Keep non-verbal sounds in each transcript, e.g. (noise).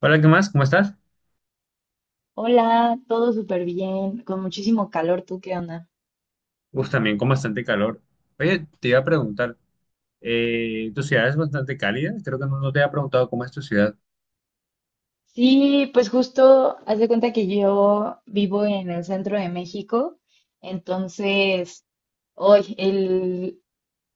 Hola, ¿qué más? ¿Cómo estás? Hola, todo súper bien, con muchísimo calor, ¿tú qué onda? Uf, también con bastante calor. Oye, te iba a preguntar, tu ciudad es bastante cálida, creo que no te había preguntado cómo es tu ciudad. Sí, pues justo haz de cuenta que yo vivo en el centro de México, entonces hoy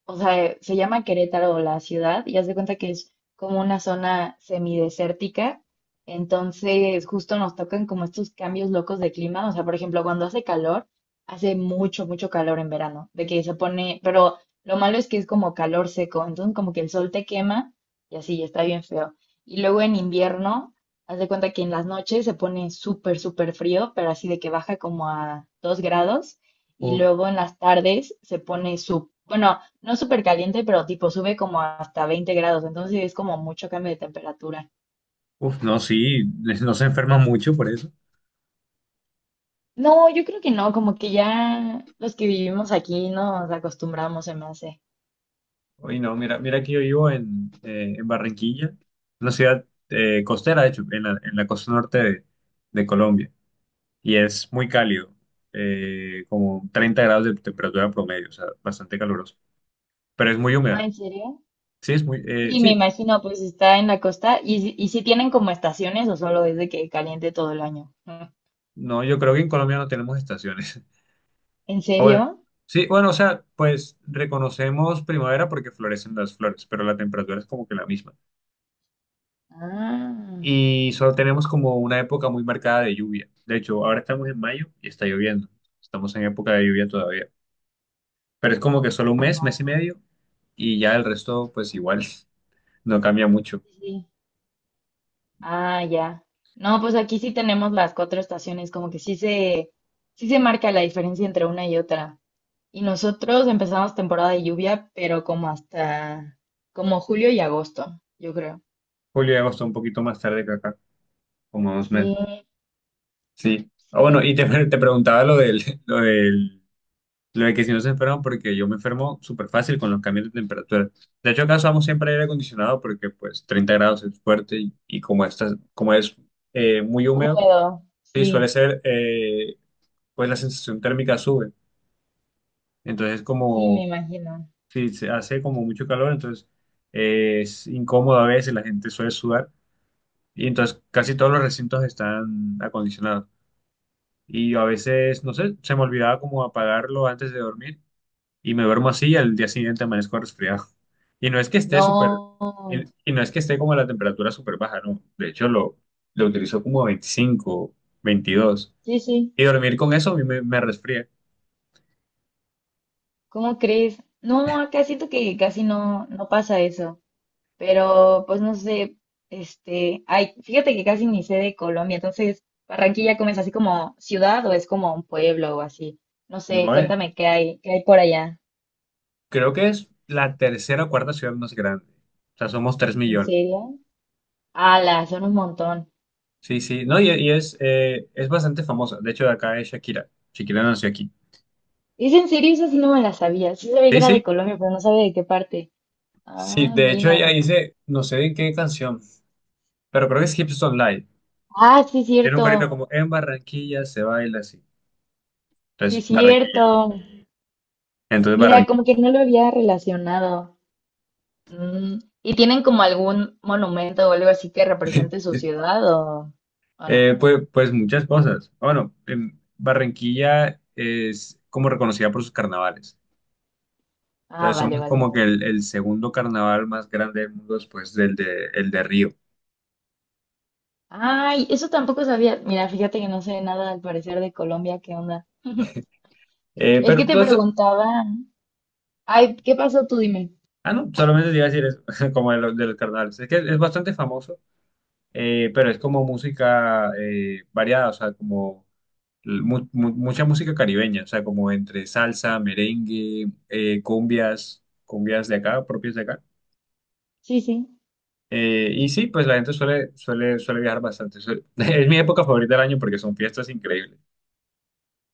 se llama Querétaro la ciudad y haz de cuenta que es como una zona semidesértica. Entonces, justo nos tocan como estos cambios locos de clima. O sea, por ejemplo, cuando hace calor, hace mucho, mucho calor en verano, de que se pone, pero lo malo es que es como calor seco, entonces como que el sol te quema y así, está bien feo. Y luego en invierno, haz de cuenta que en las noches se pone súper, súper frío, pero así de que baja como a 2 grados. Y Uf, luego en las tardes se pone su, bueno, no súper caliente, pero tipo sube como hasta 20 grados, entonces sí es como mucho cambio de temperatura. No, sí, (laughs) no se enferma mucho por eso. No, yo creo que no, como que ya los que vivimos aquí nos acostumbramos, se me hace. Oye no, mira que yo vivo en Barranquilla, una ciudad costera, de hecho, en en la costa norte de Colombia, y es muy cálido, como 30 grados de temperatura promedio, o sea, bastante caluroso, pero es muy Ah, húmeda. ¿en serio? Sí, es muy, Sí, me sí, imagino, pues está en la costa y si tienen como estaciones o solo es de que caliente todo el año. Mm. no, yo creo que en Colombia no tenemos estaciones. ¿En Ah, serio? bueno, sí, bueno, o sea, pues reconocemos primavera porque florecen las flores, pero la temperatura es como que la misma. Ah, Y solo tenemos como una época muy marcada de lluvia. De hecho, ahora estamos en mayo y está lloviendo. Estamos en época de lluvia todavía. Pero es como que solo un mes, mes y oh, medio, y ya el resto, pues igual, (laughs) no cambia mucho. sí. Sí. Ah, ya. No, pues aquí sí tenemos las cuatro estaciones, como que sí se marca la diferencia entre una y otra. Y nosotros empezamos temporada de lluvia, pero como hasta como julio y agosto, yo creo. Julio y agosto un poquito más tarde que acá, como dos Sí, meses. Sí. Ah, bueno, sí, y (laughs) te preguntaba lo lo del lo de que si no se enferman, porque yo me enfermo súper fácil con los cambios de temperatura. De hecho, acá usamos siempre aire acondicionado porque pues 30 grados es fuerte y como, como es muy húmedo, húmedo, sí, suele sí, ser, pues la sensación térmica sube. Entonces, sí, como me imagino. si se hace como mucho calor, entonces es incómodo a veces, la gente suele sudar y entonces casi todos los recintos están acondicionados. Y yo a veces, no sé, se me olvidaba como apagarlo antes de dormir y me duermo así y al día siguiente amanezco resfriado. Y no es que esté súper, y No, y no es que esté como a la temperatura súper baja, no. De hecho, lo utilizo como 25 22 sí, sí, y dormir con eso a mí me resfría. ¿cómo crees? No, acá siento que casi no, no pasa eso, pero pues no sé, ay, fíjate que casi ni sé de Colombia, entonces, ¿Barranquilla como es así como ciudad o es como un pueblo o así? No sé, No es- cuéntame qué hay por allá. Creo que es la tercera o cuarta ciudad más grande. O sea, somos 3 ¿En millones. serio? Ala, son un montón. Sí, sí. No, y es bastante famosa. De hecho, de acá es Shakira. Shakira nació aquí. ¿Es en serio? Esa sí no me la sabía. Sí sabía que Sí, era de sí. Colombia, pero no sabía de qué parte. Sí, Ah, de hecho ella mira. dice, no sé en qué canción, pero creo que es Hips Online. Ah, sí, Tiene un corito cierto. como en Barranquilla se baila así. Sí, Entonces, Barranquilla. cierto. Entonces, Mira, Barranquilla. como que no lo había relacionado. Mm, ¿y tienen como algún monumento o algo así que represente su ciudad o no? Pues, pues muchas cosas. Bueno, Barranquilla es como reconocida por sus carnavales. Ah, Entonces, vale, somos como vale. que el segundo carnaval más grande del mundo después del el de Río. Ay, eso tampoco sabía. Mira, fíjate que no sé nada al parecer de Colombia. ¿Qué onda? Es Pero, que te pues, preguntaba. Ay, ¿qué pasó? Tú dime. ah, no, solamente te iba a decir eso, (laughs) como de de los carnavales. Es que es bastante famoso, pero es como música variada, o sea, como mucha música caribeña, o sea, como entre salsa, merengue, cumbias, cumbias de acá, propias de acá. Sí, sí. Y sí, pues la gente suele viajar bastante. (laughs) Es mi época favorita del año porque son fiestas increíbles.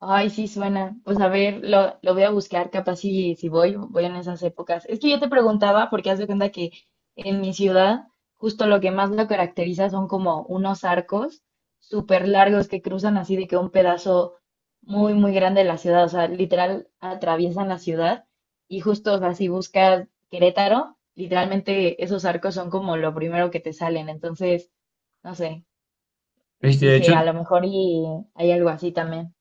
Ay, sí suena. Pues a ver, lo voy a buscar, capaz si, si voy, voy en esas épocas. Es que yo te preguntaba, porque haz de cuenta que en mi ciudad, justo lo que más lo caracteriza son como unos arcos súper largos que cruzan así de que un pedazo muy, muy grande de la ciudad, o sea, literal atraviesan la ciudad. Y justo, o sea, si buscas Querétaro, literalmente esos arcos son como lo primero que te salen. Entonces, no sé, Y de hecho, dije, a lo mejor y hay algo así también.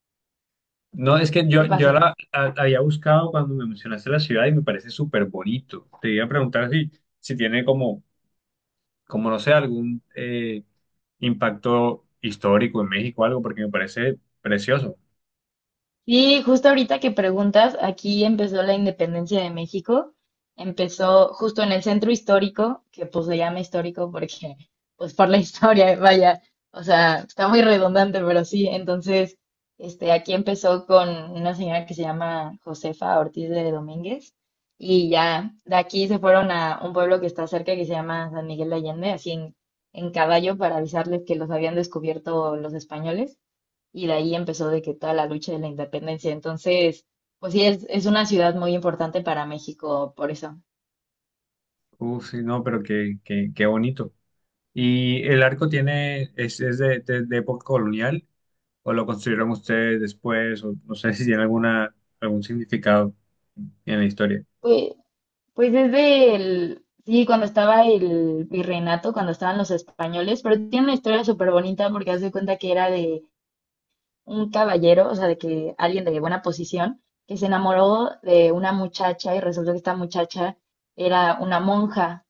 no, es que ¿Qué yo pasó? La había buscado cuando me mencionaste la ciudad y me parece súper bonito. Te iba a preguntar si, si tiene como, como no sé, algún impacto histórico en México o algo, porque me parece precioso. Sí, justo ahorita que preguntas, aquí empezó la independencia de México. Empezó justo en el centro histórico, que pues se llama histórico porque, pues por la historia, (laughs) vaya, o sea, está muy redundante, pero sí. Entonces, aquí empezó con una señora que se llama Josefa Ortiz de Domínguez, y ya de aquí se fueron a un pueblo que está cerca que se llama San Miguel de Allende, así en caballo para avisarles que los habían descubierto los españoles y de ahí empezó de que toda la lucha de la independencia. Entonces, pues sí, es una ciudad muy importante para México, por eso. Uf, sí, no, pero qué bonito. Y el arco tiene, es de, de época colonial, o lo construyeron ustedes después, o no sé (laughs) si tiene alguna, algún significado en la historia. Pues, pues desde el, sí, cuando estaba el virreinato, cuando estaban los españoles, pero tiene una historia súper bonita porque haz de cuenta que era de un caballero, o sea, de que alguien de buena posición, que se enamoró de una muchacha y resultó que esta muchacha era una monja.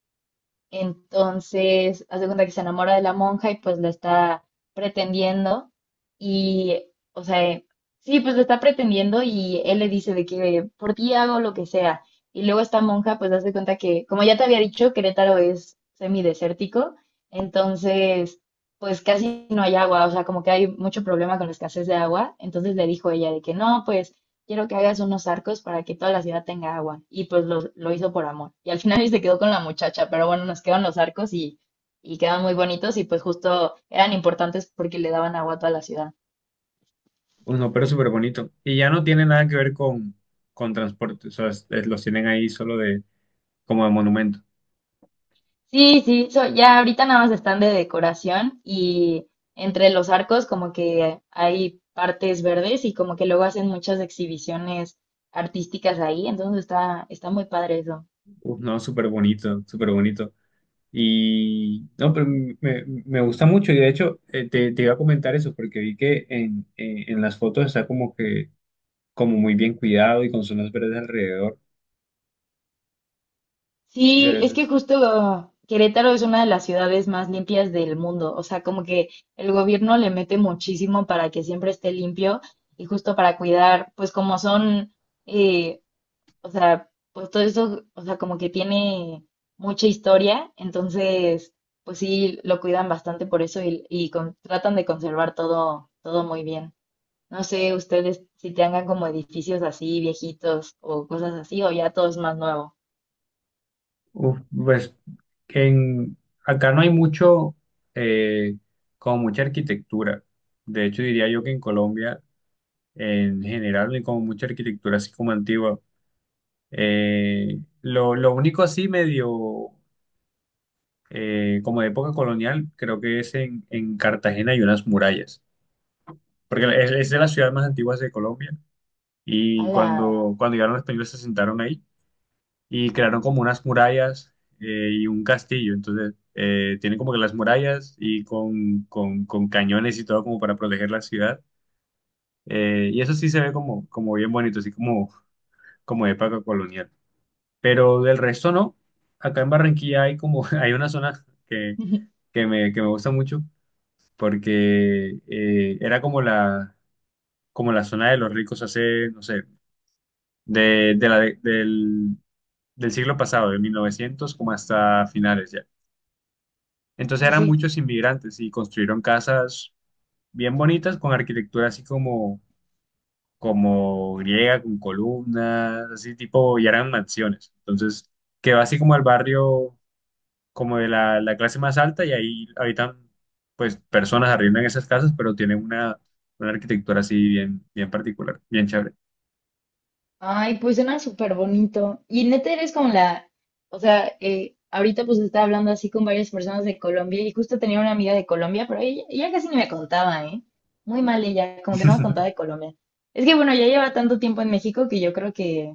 Entonces, hace cuenta que se enamora de la monja y pues la está pretendiendo. Y, o sea, sí, pues la está pretendiendo y él le dice de que por ti hago lo que sea. Y luego esta monja pues hace cuenta que, como ya te había dicho, Querétaro es semidesértico. Entonces, pues casi no hay agua. O sea, como que hay mucho problema con la escasez de agua. Entonces le dijo ella de que no, pues quiero que hagas unos arcos para que toda la ciudad tenga agua. Y pues lo hizo por amor. Y al final (laughs) se quedó con la muchacha, pero bueno, nos quedan los arcos y quedan muy bonitos y pues justo eran importantes porque le daban agua a toda la ciudad. Uno, pero súper bonito. Y ya no tiene nada que ver con transporte, o sea, los tienen ahí solo de, como de monumento. Sí, sí, so- ya ahorita nada más están de decoración y entre los arcos como que hay partes verdes y como que luego hacen muchas exhibiciones artísticas ahí, entonces está, está muy padre eso. Uf, no, súper bonito, súper bonito. Y no, pero me gusta mucho. Y de hecho, te, te iba a comentar eso, porque vi que en, en las fotos está como que, como muy bien cuidado y con zonas verdes alrededor. Sí, Sí, eso es que es. justo Querétaro es una de las ciudades más limpias del mundo. O sea, como que el gobierno le mete muchísimo para que siempre esté limpio y justo para cuidar, pues como son, eh, o sea, pues todo eso, o sea, como que tiene mucha historia. Entonces, pues sí, lo cuidan bastante por eso y con- tratan de conservar todo, todo muy bien. No sé ustedes si tengan como edificios así viejitos o cosas así o ya todo es más nuevo. Uf, pues en, acá no hay mucho, eh, como mucha arquitectura. De hecho, diría yo que en Colombia, en general, no hay como mucha arquitectura así como antigua. Lo único así medio, como de época colonial, creo que es en Cartagena hay unas murallas, porque es de las ciudades más antiguas de Colombia y ¡Hala! cuando, cuando llegaron los españoles se sentaron ahí y crearon como unas murallas y un castillo. Entonces, tienen como que las murallas y con, con cañones y todo como para proteger la ciudad. Y eso sí se ve como, como bien bonito, así como, como de época colonial. Pero del resto no. Acá en Barranquilla hay como, (laughs) hay una zona (laughs) que que me gusta mucho porque era como como la zona de los ricos hace, no sé, de del, del siglo pasado, de 1900 como hasta finales ya. Entonces Sí, eran sí. muchos inmigrantes y construyeron casas bien bonitas con arquitectura así como, como griega, con columnas, así tipo, y eran mansiones. Entonces quedó así como el barrio, como de la clase más alta y ahí habitan pues personas arriendan esas casas, pero tienen una arquitectura así bien, bien particular, bien chévere. Ay, pues suena súper bonito. Y neta eres como la, o sea, ahorita pues estaba hablando así con varias personas de Colombia y justo tenía una amiga de Colombia, pero ella casi ni me contaba, ¿eh? Muy mal ella, como que no me contaba de (laughs) Colombia. Es que bueno, ya lleva tanto tiempo en México que yo creo que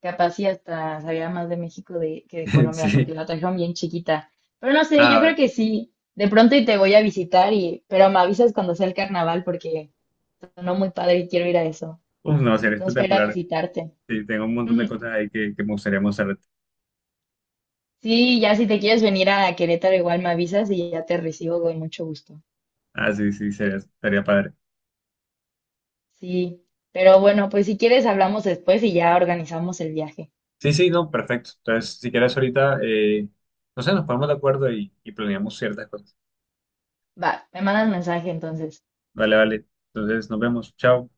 capaz sí hasta sabía más de México de, que de Colombia, Sí. porque la trajeron bien chiquita. Pero no sé, yo Ah, creo vale. que sí. De pronto y te voy a visitar y, pero me avisas cuando sea el carnaval porque sonó muy padre y quiero ir a eso. Uf, no, sería Entonces, para ir a espectacular. visitarte. Sí, tengo un montón de Ujú. cosas ahí que me gustaría mostrarte. Sí, ya si te quieres venir a Querétaro, igual me avisas y ya te recibo con mucho gusto. Ah, sí, sí, sería, estaría padre. Sí, pero bueno, pues si quieres hablamos después y ya organizamos el viaje. Sí, sí, no, perfecto. Entonces, si quieres ahorita, no sé, nos ponemos de acuerdo y planeamos ciertas cosas. Va, me mandas mensaje entonces. Vale, vale. Entonces, nos vemos. Chao.